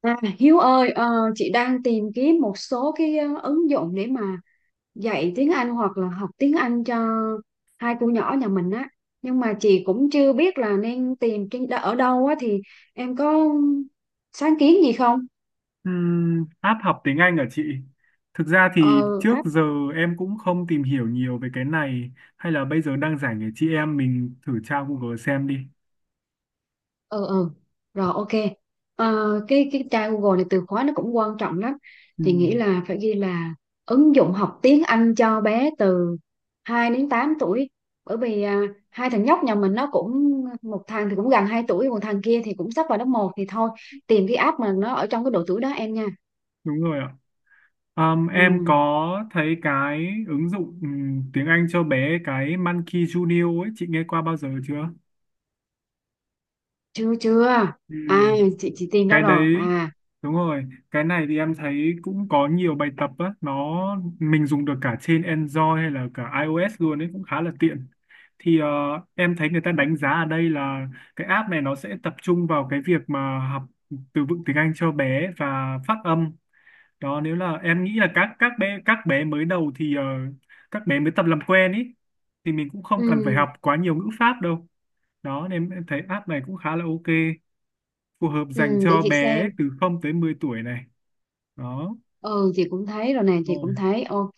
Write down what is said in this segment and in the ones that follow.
À, Hiếu ơi, chị đang tìm kiếm một số cái ứng dụng để mà dạy tiếng Anh hoặc là học tiếng Anh cho hai cô nhỏ nhà mình á. Nhưng mà chị cũng chưa biết là nên tìm trên, ở đâu á, thì em có sáng kiến gì không? App học tiếng Anh ở chị. Thực ra thì Ờ. trước giờ em cũng không tìm hiểu nhiều về cái này, hay là bây giờ đang rảnh để chị em mình thử tra Google xem đi. Ừ, ừ. Rồi, ok. Ờ, cái tra Google này từ khóa nó cũng quan trọng lắm, thì nghĩ Ừm, là phải ghi là ứng dụng học tiếng Anh cho bé từ 2 đến 8 tuổi, bởi vì hai thằng nhóc nhà mình nó cũng, một thằng thì cũng gần 2 tuổi, một thằng kia thì cũng sắp vào lớp một, thì thôi tìm cái app mà nó ở trong cái độ tuổi đó em nha. đúng rồi ạ. Ừ, Em có thấy cái ứng dụng tiếng Anh cho bé, cái Monkey Junior ấy, chị nghe qua bao giờ chưa? chưa chưa. Ừ. À, chị tìm ra Cái rồi đấy à. đúng rồi, cái này thì em thấy cũng có nhiều bài tập á, nó mình dùng được cả trên Android hay là cả iOS luôn ấy, cũng khá là tiện. Thì em thấy người ta đánh giá ở đây là cái app này nó sẽ tập trung vào cái việc mà học từ vựng tiếng Anh cho bé và phát âm đó. Nếu là em nghĩ là các bé, các bé mới đầu thì các bé mới tập làm quen ấy, thì mình cũng không cần phải Ừ. học quá nhiều ngữ pháp đâu. Đó nên em thấy app này cũng khá là ok, phù hợp dành Ừ, để cho chị bé xem. từ không tới 10 tuổi này. Đó Ừ, chị cũng thấy rồi nè, chị rồi, cũng thấy ok.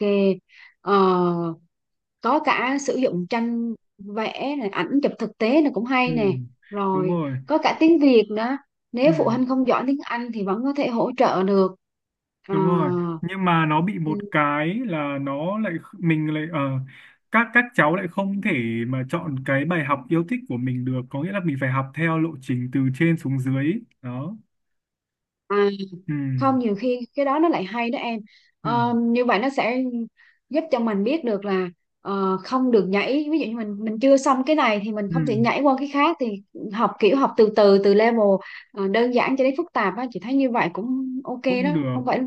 Ờ, có cả sử dụng tranh vẽ này, ảnh chụp thực tế này cũng ừ. hay nè. Đúng Rồi, rồi, có cả tiếng Việt nữa, ừ. nếu phụ huynh không giỏi tiếng Anh thì vẫn có thể hỗ trợ được. Ờ, Đúng rồi, nhưng mà nó bị ừ, một cái là mình lại, các cháu lại không thể mà chọn cái bài học yêu thích của mình được, có nghĩa là mình phải học theo lộ trình từ trên xuống dưới đó. à, Ừ. không, nhiều khi cái đó nó lại hay đó em. Ừ. Ờ, như vậy nó sẽ giúp cho mình biết được là không được nhảy, ví dụ như mình chưa xong cái này thì mình Ừ. không thể nhảy qua cái khác, thì học kiểu học từ từ từ level đơn giản cho đến phức tạp á, chị thấy như vậy cũng ok Cũng đó, được. không phải,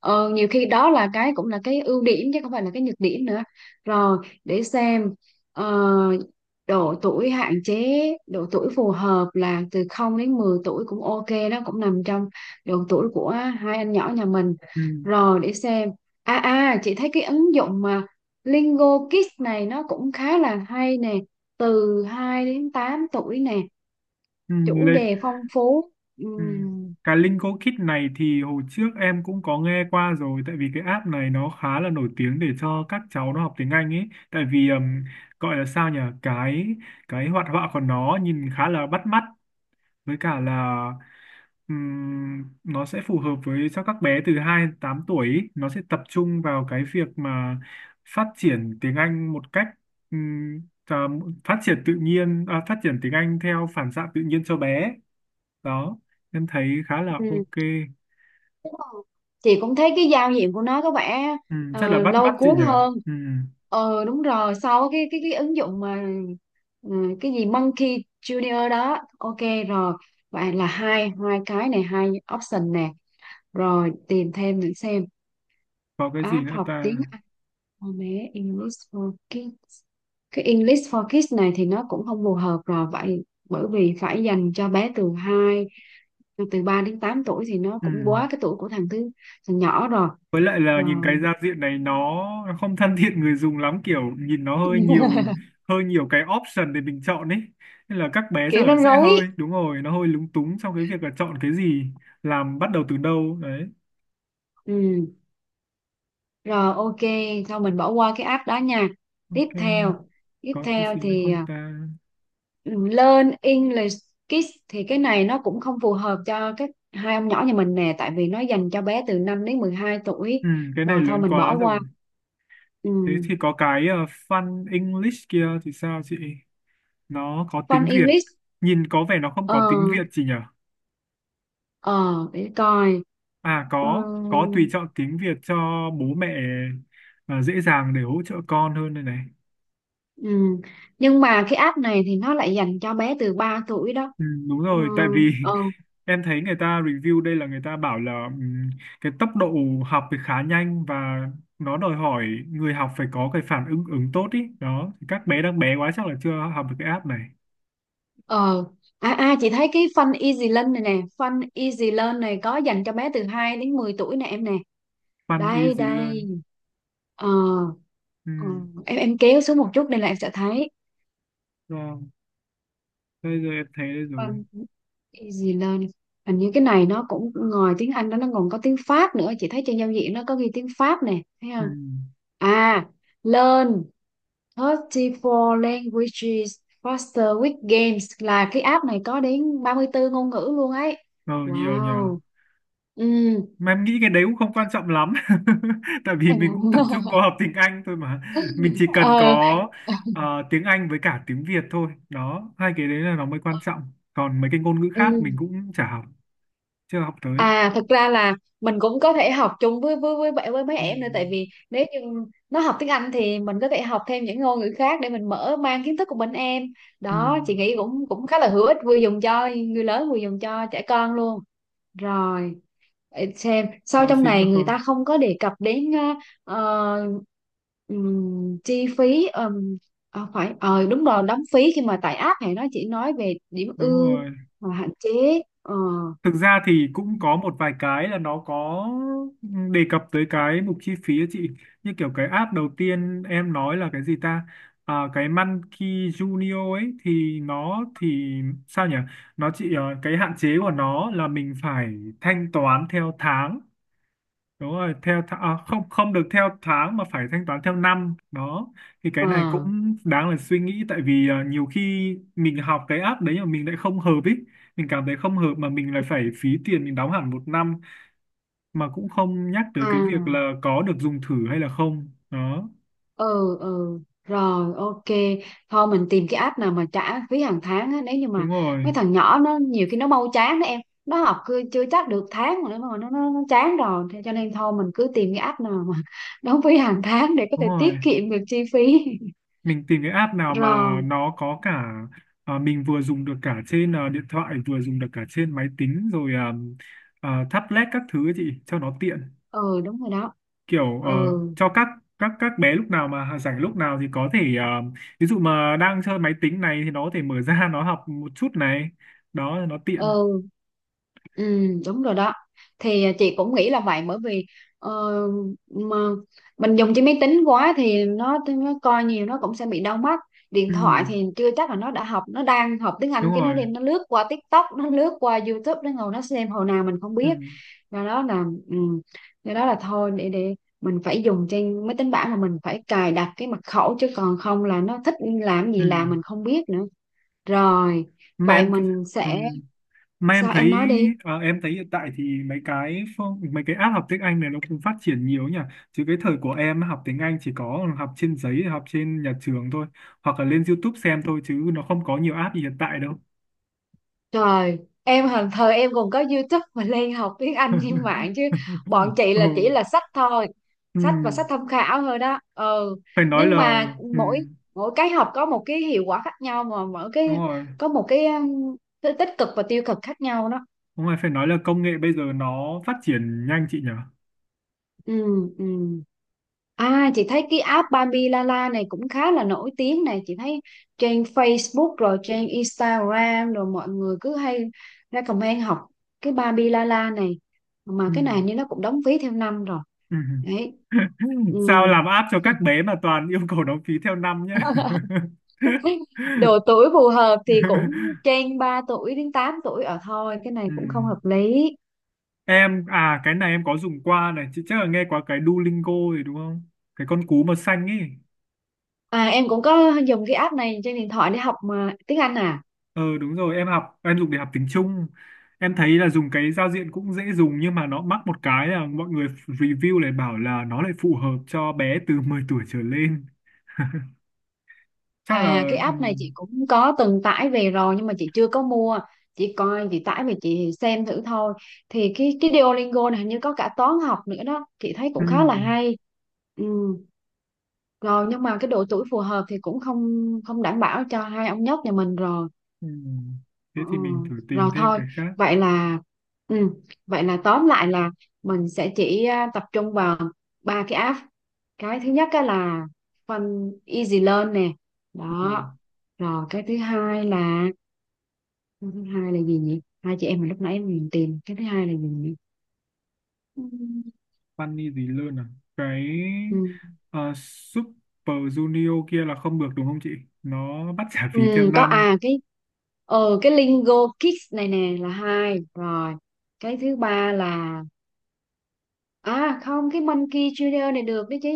nhiều khi đó là cái cũng là cái ưu điểm chứ không phải là cái nhược điểm nữa. Rồi, để xem. ờ, độ tuổi hạn chế, độ tuổi phù hợp là từ 0 đến 10 tuổi cũng ok đó, cũng nằm trong độ tuổi của hai anh nhỏ nhà mình. Ừ. Rồi, để xem. À, à, chị thấy cái ứng dụng mà Lingo Kids này nó cũng khá là hay nè, từ 2 đến 8 tuổi nè, Ừ. chủ Lê. đề phong phú. Ừ. Ừm, Cái Linko Kit này thì hồi trước em cũng có nghe qua rồi, tại vì cái app này nó khá là nổi tiếng để cho các cháu nó học tiếng Anh ấy. Tại vì gọi là sao nhỉ, cái hoạt họa của nó nhìn khá là bắt mắt, với cả là nó sẽ phù hợp với cho các bé từ 2 đến 8 tuổi ý. Nó sẽ tập trung vào cái việc mà phát triển tiếng Anh một cách, ừm, à, phát triển tự nhiên, phát triển tiếng Anh theo phản xạ tự nhiên cho bé đó. Em thấy khá là ừm. ok. Chị cũng thấy cái giao diện của nó có vẻ Ừ, rất là bắt lôi mắt chị cuốn nhở. hơn. Ừ, Ờ, đúng rồi, sau cái ứng dụng mà ừ, cái gì Monkey Junior đó, ok. Rồi, vậy là hai hai, cái này hai option nè. Rồi, tìm thêm để xem. có cái gì App nữa học ta. tiếng Anh for bé, English for Kids. Cái English for Kids này thì nó cũng không phù hợp rồi vậy, bởi vì phải dành cho bé từ 2, từ 3 đến 8 tuổi, thì nó Ừ. cũng quá cái tuổi của thằng thứ, thằng nhỏ rồi. Với lại là nhìn cái Rồi. giao diện này nó không thân thiện người dùng lắm, kiểu nhìn nó hơi nhiều hơi nhiều cái option để mình chọn ấy, nên là các bé Kiểu chắc nó là sẽ rối. hơi, đúng rồi, nó hơi lúng túng trong cái việc là chọn cái gì, làm bắt đầu từ đâu đấy. Ừ. Rồi ok, thôi mình bỏ qua cái app đó nha. Tiếp Ok, theo, tiếp có cái theo gì nữa thì không ta. learn English Kids thì cái này nó cũng không phù hợp cho các hai ông nhỏ nhà mình nè, tại vì nó dành cho bé từ 5 đến 12 tuổi. Ừ, cái này Rồi, thôi lớn mình quá bỏ rồi. qua. Ừ. Thế thì có cái fun English kia thì sao chị, nó có Fun tiếng Việt. English. Nhìn có vẻ nó không ờ có tiếng Việt gì nhỉ. ờ để coi. À, Ừ. có tùy chọn tiếng Việt cho bố mẹ, à, dễ dàng để hỗ trợ con hơn đây này. Ừ. Nhưng mà cái app này thì nó lại dành cho bé từ 3 tuổi đó. Ừ, đúng Ừ. rồi, tại vì ờ em thấy người ta review đây là người ta bảo là, cái tốc độ học thì khá nhanh, và nó đòi hỏi người học phải có cái phản ứng ứng tốt ý đó, thì các bé đang bé quá chắc là chưa học được cái app này. ờ à, à chị thấy cái Fun Easy Learn này nè, Fun Easy Learn này có dành cho bé từ 2 đến 10 tuổi nè em nè, Fun đây Easy Learn. đây. ờ, Ừ, ờ, em kéo xuống một chút đây là em sẽ thấy. rồi bây giờ em thấy đây rồi. Vâng. Easy learning, hình như cái này nó cũng ngoài tiếng Anh đó, nó còn có tiếng Pháp nữa, chị thấy trên giao diện nó có ghi tiếng Pháp nè, thấy Ừ. không. À, learn 34 languages faster with games, là cái app này có đến 34 ngôn ngữ luôn ấy, Ờ, nhiều nhỉ. wow. Ừ. Mà em nghĩ cái đấy cũng không quan trọng lắm, tại vì mình cũng tập trung vào học tiếng Anh thôi mà, mình chỉ cần có ờ tiếng Anh với cả tiếng Việt thôi đó, hai cái đấy là nó mới quan trọng, còn mấy cái ngôn ngữ khác Ừ. mình cũng chả học, chưa học tới. À, thực ra là mình cũng có thể học chung với bạn, với mấy Ừ. em nữa, tại vì nếu như nó học tiếng Anh thì mình có thể học thêm những ngôn ngữ khác để mình mở mang kiến thức của mình em. Ừ. Đó, chị nghĩ cũng cũng khá là hữu ích, vừa dùng cho người lớn vừa dùng cho trẻ con luôn. Rồi, để xem, sau Có trong gì này nữa người không. ta không có đề cập đến ờ, chi phí, phải, ờ đúng rồi, đóng phí khi mà tải app này nó chỉ nói về điểm Đúng ưu rồi. và hạn chế. Ờ Thực ra thì cũng có một vài cái là nó có đề cập tới cái mục chi phí á chị, như kiểu cái app đầu tiên em nói là cái gì ta, cái Monkey Junior ấy thì nó thì, sao nhỉ, nó chỉ cái hạn chế của nó là mình phải thanh toán theo tháng. Đúng rồi, theo tháng, không, không được theo tháng mà phải thanh toán theo năm đó. Thì cái ờ này cũng đáng là suy nghĩ, tại vì nhiều khi mình học cái app đấy mà mình lại không hợp ý, mình cảm thấy không hợp mà mình lại phải phí tiền, mình đóng hẳn một năm, mà cũng không nhắc tới cái việc à là có được dùng thử hay là không đó. ừ, ừ, rồi ok, thôi mình tìm cái app nào mà trả phí hàng tháng á, nếu như mà Đúng rồi. mấy thằng nhỏ nó nhiều khi nó mau chán đó em, nó học cứ chưa chắc được tháng mà nó chán rồi. Thế cho nên thôi mình cứ tìm cái app nào mà đóng phí hàng tháng để có Đúng thể tiết rồi, kiệm được chi phí. mình tìm cái app nào mà Rồi. nó có cả, mình vừa dùng được cả trên, điện thoại, vừa dùng được cả trên máy tính rồi, tablet các thứ ấy chị, cho nó tiện. Ừ, đúng rồi đó. Kiểu Ừ. cho các các bé lúc nào mà rảnh lúc nào thì có thể, ví dụ mà đang chơi máy tính này thì nó có thể mở ra nó học một chút này, đó nó tiện. Ừ. Ừ, đúng rồi đó, thì chị cũng nghĩ là vậy, bởi vì ờ, mà mình dùng trên máy tính quá thì nó coi nhiều nó cũng sẽ bị đau mắt. Điện Ừ, thoại thì chưa chắc là nó đã học, nó đang học tiếng Anh đúng cái nó rồi. đem nó lướt qua TikTok, nó lướt qua YouTube, nó ngồi nó xem hồi nào mình không Ừ, biết. Do đó là do đó là thôi để mình phải dùng trên máy tính bảng, mà mình phải cài đặt cái mật khẩu, chứ còn không là nó thích làm ừ. gì làm mình không biết nữa. Rồi, Mà vậy em, mình ừ. sẽ. Mà em Sao em thấy, nói đi? Em thấy hiện tại thì mấy cái app học tiếng Anh này nó cũng phát triển nhiều nhỉ. Chứ cái thời của em học tiếng Anh chỉ có học trên giấy, học trên nhà trường thôi, hoặc là lên YouTube xem thôi, chứ nó không có nhiều app gì hiện tại đâu. Trời, em hồi thời em còn có YouTube mà lên học tiếng Anh trên mạng chứ, bọn chị là chỉ Ừ. là sách thôi, sách và Ừ, sách tham khảo thôi đó. Ừ, phải nói nhưng là, mà ừ, mỗi mỗi cái học có một cái hiệu quả khác nhau, mà mỗi cái đúng rồi. có một cái tích cực và tiêu cực khác nhau đó. Đúng rồi, phải nói là công nghệ bây giờ nó phát triển nhanh chị nhỉ. Ừ. Ừ. À, chị thấy cái app Bambi Lala này cũng khá là nổi tiếng này, chị thấy trên Facebook rồi trên Instagram rồi mọi người cứ hay recommend học cái Bambi Lala này. Mà Ừ. cái này như nó cũng đóng phí theo năm rồi. Ừ. Đấy. Ừ. Sao làm app cho các bé mà toàn yêu cầu đóng phí theo năm nhá. Độ tuổi phù hợp thì cũng trên 3 tuổi đến 8 tuổi ở thôi, cái này cũng không Ừ. hợp lý. Em, à, cái này em có dùng qua này, chị chắc là nghe qua cái Duolingo rồi đúng không, cái con cú màu xanh ấy. À em cũng có dùng cái app này trên điện thoại để học mà tiếng Anh à. Ừ đúng rồi, em học, em dùng để học tiếng Trung. Em thấy là dùng cái giao diện cũng dễ dùng, nhưng mà nó mắc một cái là mọi người review lại bảo là nó lại phù hợp cho bé từ mười tuổi trở lên. Chắc À là, cái ừ, app này chị cũng có từng tải về rồi nhưng mà chị chưa có mua. Chị coi chị tải về chị xem thử thôi. Thì cái Duolingo này hình như có cả toán học nữa đó, chị thấy ừ, cũng khá là hay. Ừ. Rồi nhưng mà cái độ tuổi phù hợp thì cũng không, không đảm bảo cho hai ông nhóc nhà mình rồi. ừ. Thế Ừ, thì mình thử rồi tìm thêm thôi, cái khác. vậy là ừ, vậy là tóm lại là mình sẽ chỉ tập trung vào ba cái app. Cái thứ nhất á là Fun Easy Learn nè. Ừ. Đó. Rồi, cái thứ hai là, cái thứ hai là gì nhỉ, hai chị em mà lúc nãy mình tìm, cái thứ hai là gì nhỉ. ừ, Funny gì luôn à, cái ừ, Super Junior kia là không được đúng không chị, nó bắt trả ừ, phí theo có, năm. à cái cái Lingo Kids này nè là hai rồi. Cái thứ ba là. À không, cái Monkey Junior này được đấy chứ.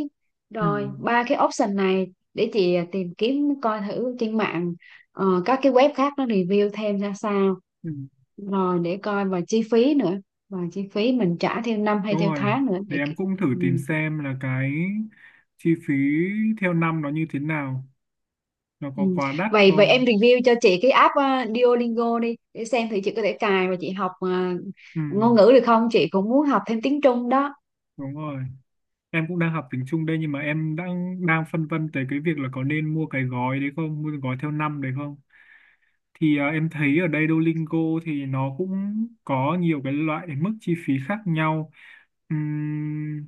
Ừ. Rồi, ba cái option này để chị tìm kiếm coi thử trên mạng, các cái web khác nó review thêm ra sao. Ừ. Rồi để coi và chi phí nữa. Và chi phí mình trả theo năm hay Đúng theo rồi, tháng nữa để để em ki-. cũng thử tìm Ừ. xem là cái chi phí theo năm nó như thế nào, nó có Ừ. quá đắt Vậy vậy không? em review cho chị cái app Duolingo đi để xem thì chị có thể cài và chị học Ừ, ngôn ngữ được không? Chị cũng muốn học thêm tiếng Trung đó. đúng rồi. Em cũng đang học tiếng Trung đây, nhưng mà em đang đang phân vân tới cái việc là có nên mua cái gói đấy không, mua cái gói theo năm đấy không? Thì em thấy ở đây Duolingo thì nó cũng có nhiều cái loại mức chi phí khác nhau. Ừm,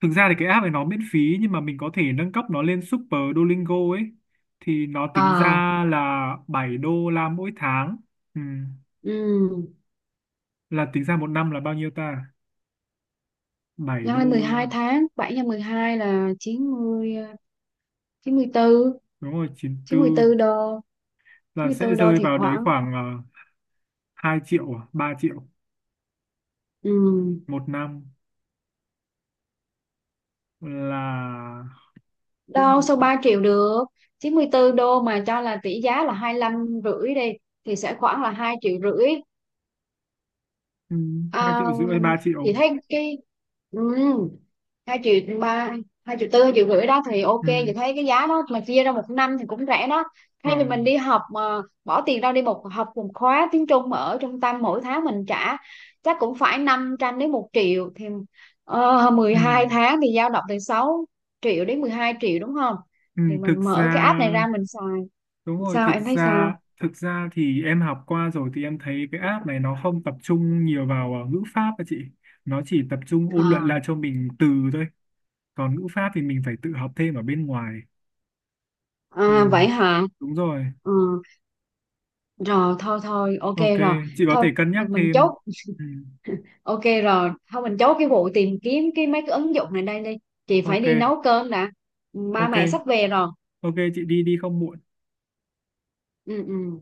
thực ra thì cái app này nó miễn phí, nhưng mà mình có thể nâng cấp nó lên Super Duolingo ấy, thì nó tính ra Ờ. là $7 mỗi tháng. Ừm, Ừ. là tính ra một năm là bao nhiêu ta, bảy Nhân lên đô 12 là, tháng, 7 nhân 12 là 90 chín, chín mươi tư. đúng rồi 94, Chín mươi 94 đô. là sẽ 94 đô rơi thì vào đấy khoảng. khoảng 2 triệu à? 3 triệu Ừ. một năm, là Đâu cũng, sao 3 triệu được, 94 đô mà cho là tỷ giá là hai lăm rưỡi đi, thì sẽ khoảng là 2 triệu rưỡi. ừ, hai à, triệu rưỡi hay ba chị triệu. thấy cái. Ừ. Hai triệu ba, hai triệu tư, hai triệu rưỡi đó thì ok, Ừ. chị thấy cái giá đó mà chia ra một năm thì cũng rẻ đó, Ờ. thay vì mình đi học mà bỏ tiền ra đi một học một khóa tiếng Trung mà ở trung tâm mỗi tháng mình trả chắc cũng phải 500 đến một triệu thì mười Ừ. hai tháng thì dao động từ 6 triệu đến 12 triệu đúng không, Ừ. thì Thực mình mở cái ra, app này ra mình xài. đúng rồi, Sao thực em thấy sao? ra, thực ra thì em học qua rồi thì em thấy cái app này nó không tập trung nhiều vào ngữ pháp các chị, nó chỉ tập trung Ờ. ôn luyện lại cho mình từ thôi, còn ngữ pháp thì mình phải tự học thêm ở bên ngoài. Ừ. À, vậy hả. Đúng rồi. Ừ, rồi thôi thôi ok Ok, rồi, chị có thôi thể cân nhắc mình thêm. chốt. Ừ. Ok rồi, thôi mình chốt cái vụ tìm kiếm cái mấy cái ứng dụng này đây đi. Chị phải Ok. đi nấu cơm đã. Ba Ok. mẹ sắp về rồi. Ok chị đi đi không muộn. Ừ, ừ.